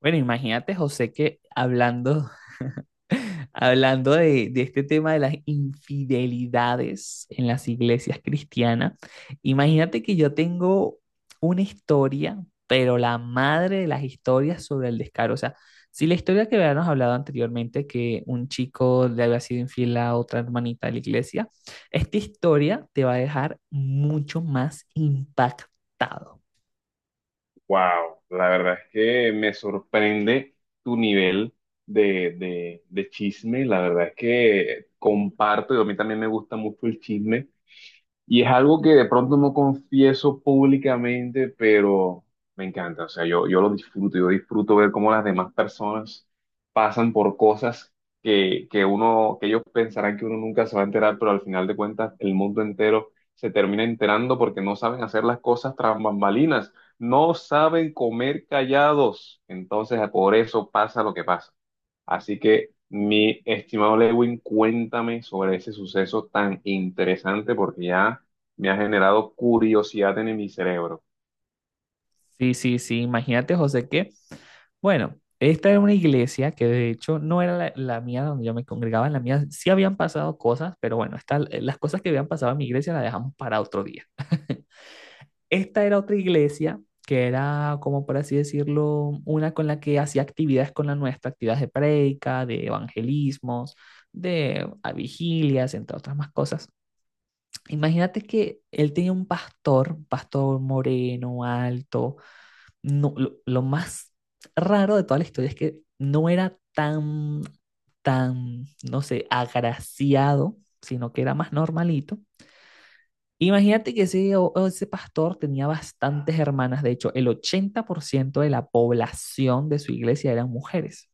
Bueno, imagínate, José, que hablando, hablando de este tema de las infidelidades en las iglesias cristianas, imagínate que yo tengo una historia, pero la madre de las historias sobre el descaro. O sea, si la historia que habíamos hablado anteriormente, que un chico le había sido infiel a otra hermanita de la iglesia, esta historia te va a dejar mucho más impactado. Wow, la verdad es que me sorprende tu nivel de chisme. La verdad es que comparto, y a mí también me gusta mucho el chisme. Y es algo que de pronto no confieso públicamente, pero me encanta. O sea, yo lo disfruto, yo disfruto ver cómo las demás personas pasan por cosas que ellos pensarán que uno nunca se va a enterar, pero al final de cuentas el mundo entero se termina enterando porque no saben hacer las cosas tras bambalinas, no saben comer callados. Entonces, por eso pasa lo que pasa. Así que, mi estimado Lewin, cuéntame sobre ese suceso tan interesante porque ya me ha generado curiosidad en mi cerebro. Sí, sí, sí, imagínate, José, que, bueno, esta era una iglesia que de hecho no era la mía donde yo me congregaba, en la mía sí habían pasado cosas, pero bueno, las cosas que habían pasado en mi iglesia las dejamos para otro día. Esta era otra iglesia que era, como por así decirlo, una con la que hacía actividades con la nuestra, actividades de prédica, de evangelismos, de vigilias, entre otras más cosas. Imagínate que él tenía un pastor moreno, alto, no, lo más raro de toda la historia es que no era tan, no sé, agraciado, sino que era más normalito. Imagínate que ese, o ese pastor tenía bastantes hermanas, de hecho, el 80% de la población de su iglesia eran mujeres.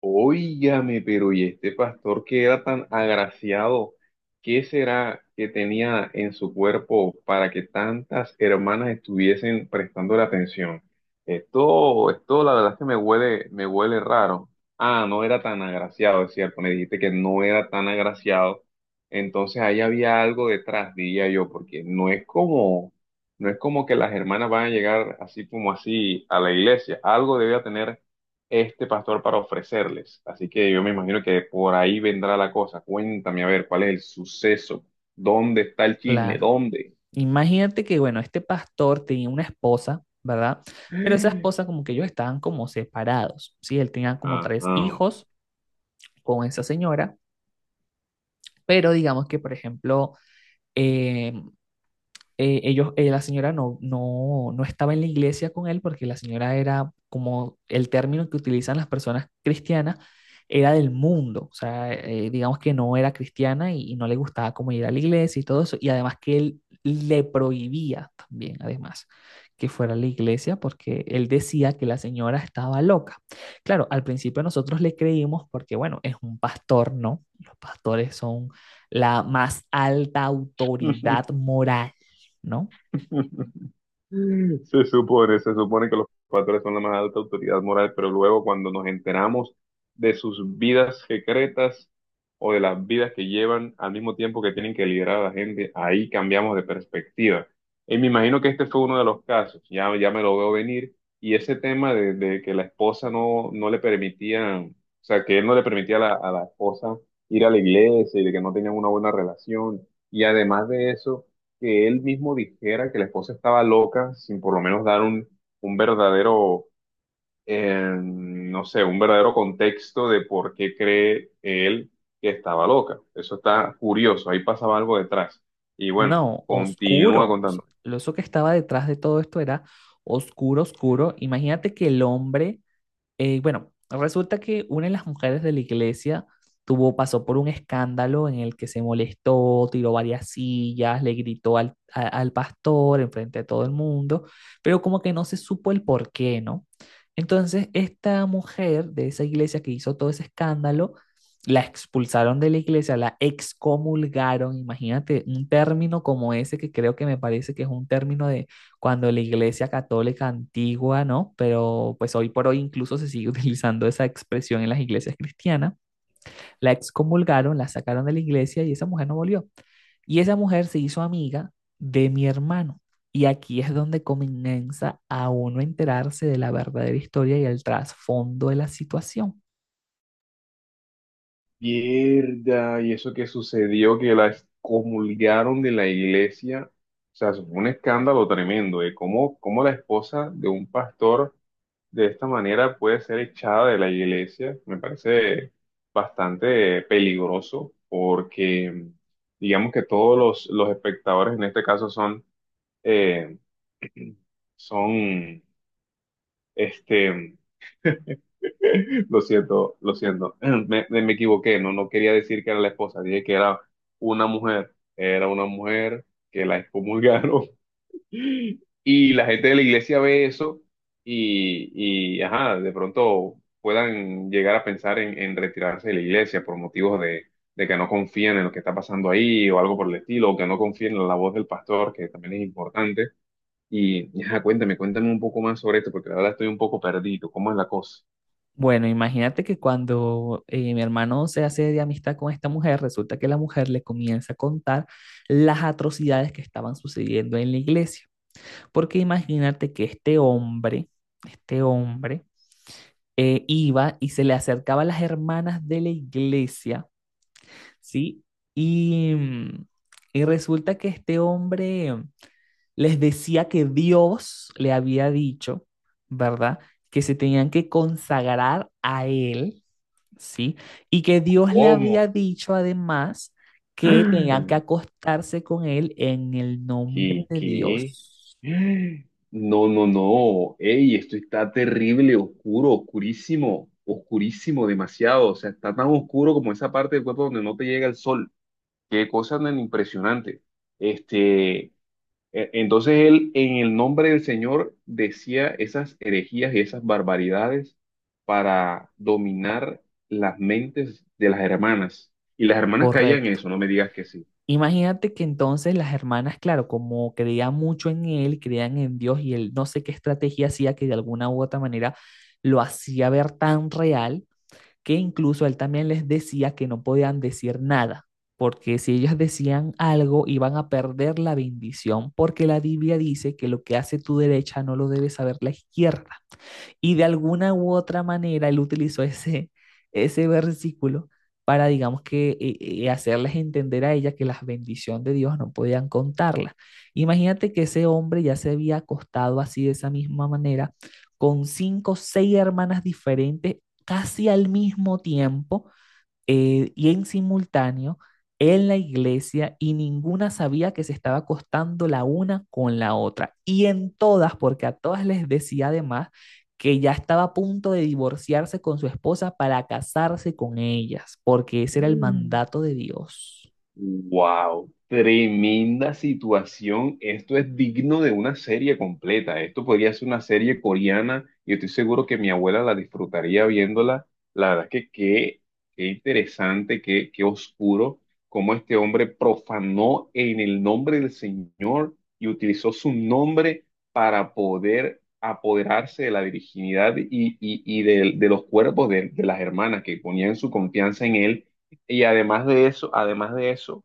Óigame, pero ¿y este pastor que era tan agraciado? ¿Qué será que tenía en su cuerpo para que tantas hermanas estuviesen prestando la atención? Esto la verdad es que me huele raro. Ah, no era tan agraciado, es cierto, me dijiste que no era tan agraciado. Entonces ahí había algo detrás, diría yo, porque no es como, no es como que las hermanas van a llegar así como así a la iglesia. Algo debía tener este pastor para ofrecerles. Así que yo me imagino que por ahí vendrá la cosa. Cuéntame, a ver, ¿cuál es el suceso? ¿Dónde está el chisme? Claro. ¿Dónde? Imagínate que, bueno, este pastor tenía una esposa, ¿verdad? Pero esa esposa como que ellos estaban como separados, ¿sí? Él tenía como tres Ajá. hijos con esa señora, pero digamos que, por ejemplo, eh, la señora no estaba en la iglesia con él porque la señora era como el término que utilizan las personas cristianas, era del mundo, o sea, digamos que no era cristiana y no le gustaba como ir a la iglesia y todo eso, y además que él le prohibía también, además, que fuera a la iglesia porque él decía que la señora estaba loca. Claro, al principio nosotros le creímos porque, bueno, es un pastor, ¿no? Los pastores son la más alta autoridad moral. No, se supone que los pastores son la más alta autoridad moral, pero luego cuando nos enteramos de sus vidas secretas o de las vidas que llevan al mismo tiempo que tienen que liderar a la gente, ahí cambiamos de perspectiva. Y me imagino que este fue uno de los casos, ya, ya me lo veo venir, y ese tema de que la esposa no, no le permitía, o sea, que él no le permitía a la esposa ir a la iglesia y de que no tenían una buena relación, y además de eso que él mismo dijera que la esposa estaba loca sin por lo menos dar un verdadero, no sé, un verdadero contexto de por qué cree él que estaba loca. Eso está curioso, ahí pasaba algo detrás. Y bueno, no, continúa oscuro. contando. Lo eso que estaba detrás de todo esto era oscuro, oscuro. Imagínate que el hombre. Bueno, resulta que una de las mujeres de la iglesia tuvo, pasó por un escándalo en el que se molestó, tiró varias sillas, le gritó al pastor enfrente de todo el mundo, pero como que no se supo el por qué, ¿no? Entonces, esta mujer de esa iglesia que hizo todo ese escándalo, la expulsaron de la iglesia, la excomulgaron, imagínate, un término como ese que creo que me parece que es un término de cuando la Iglesia Católica antigua, ¿no? Pero pues hoy por hoy incluso se sigue utilizando esa expresión en las iglesias cristianas, la excomulgaron, la sacaron de la iglesia y esa mujer no volvió. Y esa mujer se hizo amiga de mi hermano. Y aquí es donde comienza a uno enterarse de la verdadera historia y el trasfondo de la situación. Mierda, y eso que sucedió, que la excomulgaron de la iglesia, o sea, eso fue un escándalo tremendo, de cómo, cómo la esposa de un pastor de esta manera puede ser echada de la iglesia. Me parece bastante peligroso porque digamos que todos los espectadores en este caso son, eh, son, este, lo siento, me equivoqué, no, no quería decir que era la esposa, dije que era una mujer que la excomulgaron. Y la gente de la iglesia ve eso ajá, de pronto puedan llegar a pensar en retirarse de la iglesia por motivos de que no confían en lo que está pasando ahí o algo por el estilo, o que no confíen en la voz del pastor, que también es importante. Y, ajá, cuéntame, cuéntame un poco más sobre esto, porque la verdad estoy un poco perdido. ¿Cómo es la cosa? Bueno, imagínate que cuando mi hermano se hace de amistad con esta mujer, resulta que la mujer le comienza a contar las atrocidades que estaban sucediendo en la iglesia. Porque imagínate que este hombre, iba y se le acercaba a las hermanas de la iglesia, ¿sí? Y, mm, y resulta que este hombre les decía que Dios le había dicho, ¿verdad? Que se tenían que consagrar a él, ¿sí? Y que Dios le ¿Cómo? había dicho además que tenían que acostarse con él en el nombre ¿Qué, de qué? Dios. No, no, no. Ey, esto está terrible, oscuro, oscurísimo, oscurísimo, demasiado. O sea, está tan oscuro como esa parte del cuerpo donde no te llega el sol. Qué cosa tan impresionante. Este, entonces él, en el nombre del Señor, decía esas herejías y esas barbaridades para dominar las mentes de las hermanas. Y las hermanas caían en Correcto. eso, no me digas que sí. Imagínate que entonces las hermanas, claro, como creían mucho en él, creían en Dios y él no sé qué estrategia hacía que de alguna u otra manera lo hacía ver tan real que incluso él también les decía que no podían decir nada, porque si ellas decían algo iban a perder la bendición, porque la Biblia dice que lo que hace tu derecha no lo debe saber la izquierda. Y de alguna u otra manera él utilizó ese versículo para, digamos que, hacerles entender a ella que las bendiciones de Dios no podían contarlas. Imagínate que ese hombre ya se había acostado así de esa misma manera con cinco o seis hermanas diferentes casi al mismo tiempo, y en simultáneo en la iglesia, y ninguna sabía que se estaba acostando la una con la otra. Y en todas, porque a todas les decía además que ya estaba a punto de divorciarse con su esposa para casarse con ellas, porque ese era el mandato de Dios. Wow, tremenda situación. Esto es digno de una serie completa. Esto podría ser una serie coreana y estoy seguro que mi abuela la disfrutaría viéndola. La verdad es que qué, qué interesante, qué, qué oscuro cómo este hombre profanó en el nombre del Señor y utilizó su nombre para poder apoderarse de la virginidad y, y de los cuerpos de las hermanas que ponían su confianza en él. Y además de eso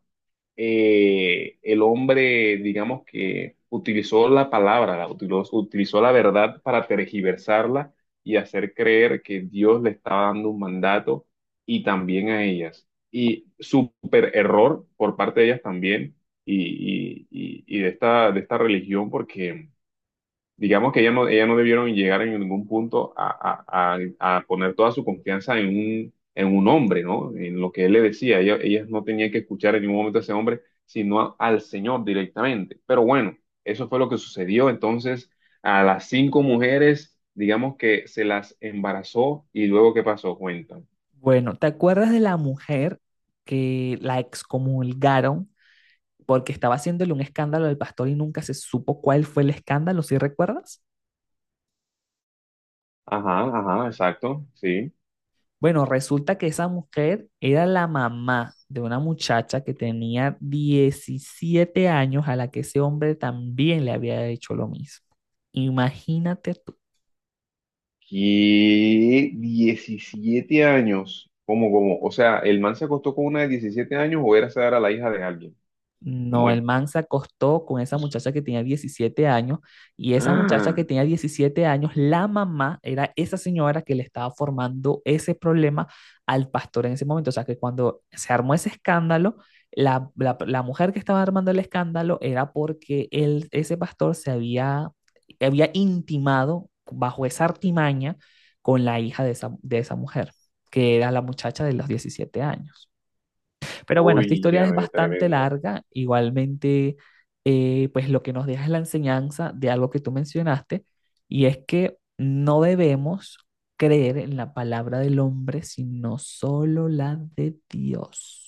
el hombre, digamos que utilizó la palabra, la utilizó, utilizó la verdad para tergiversarla y hacer creer que Dios le estaba dando un mandato y también a ellas. Y súper error por parte de ellas también y de esta religión porque digamos que ella no debieron llegar en ningún punto a, a poner toda su confianza en un hombre, ¿no? En lo que él le decía. Ella, ellas no tenían que escuchar en ningún momento a ese hombre, sino al Señor directamente. Pero bueno, eso fue lo que sucedió. Entonces, a las 5 mujeres, digamos que se las embarazó y luego, ¿qué pasó? Cuentan. Bueno, ¿te acuerdas de la mujer que la excomulgaron porque estaba haciéndole un escándalo al pastor y nunca se supo cuál fue el escándalo, si recuerdas? Ajá, ajá, exacto, sí. Bueno, resulta que esa mujer era la mamá de una muchacha que tenía 17 años a la que ese hombre también le había hecho lo mismo. Imagínate tú. ¿Qué? 17 años. ¿Cómo, cómo? O sea, ¿el man se acostó con una de 17 años o era esa era la hija de alguien? No, ¿Cómo el es? man se acostó con esa muchacha que tenía 17 años, y esa muchacha Ah, que tenía 17 años, la mamá era esa señora que le estaba formando ese problema al pastor en ese momento. O sea que cuando se armó ese escándalo, la mujer que estaba armando el escándalo era porque él, ese pastor se había, había intimado bajo esa artimaña con la hija de esa mujer, que era la muchacha de los 17 años. Pero bueno, esta historia es oye, bastante tremendo. larga. Igualmente, pues lo que nos deja es la enseñanza de algo que tú mencionaste, y es que no debemos creer en la palabra del hombre, sino solo la de Dios.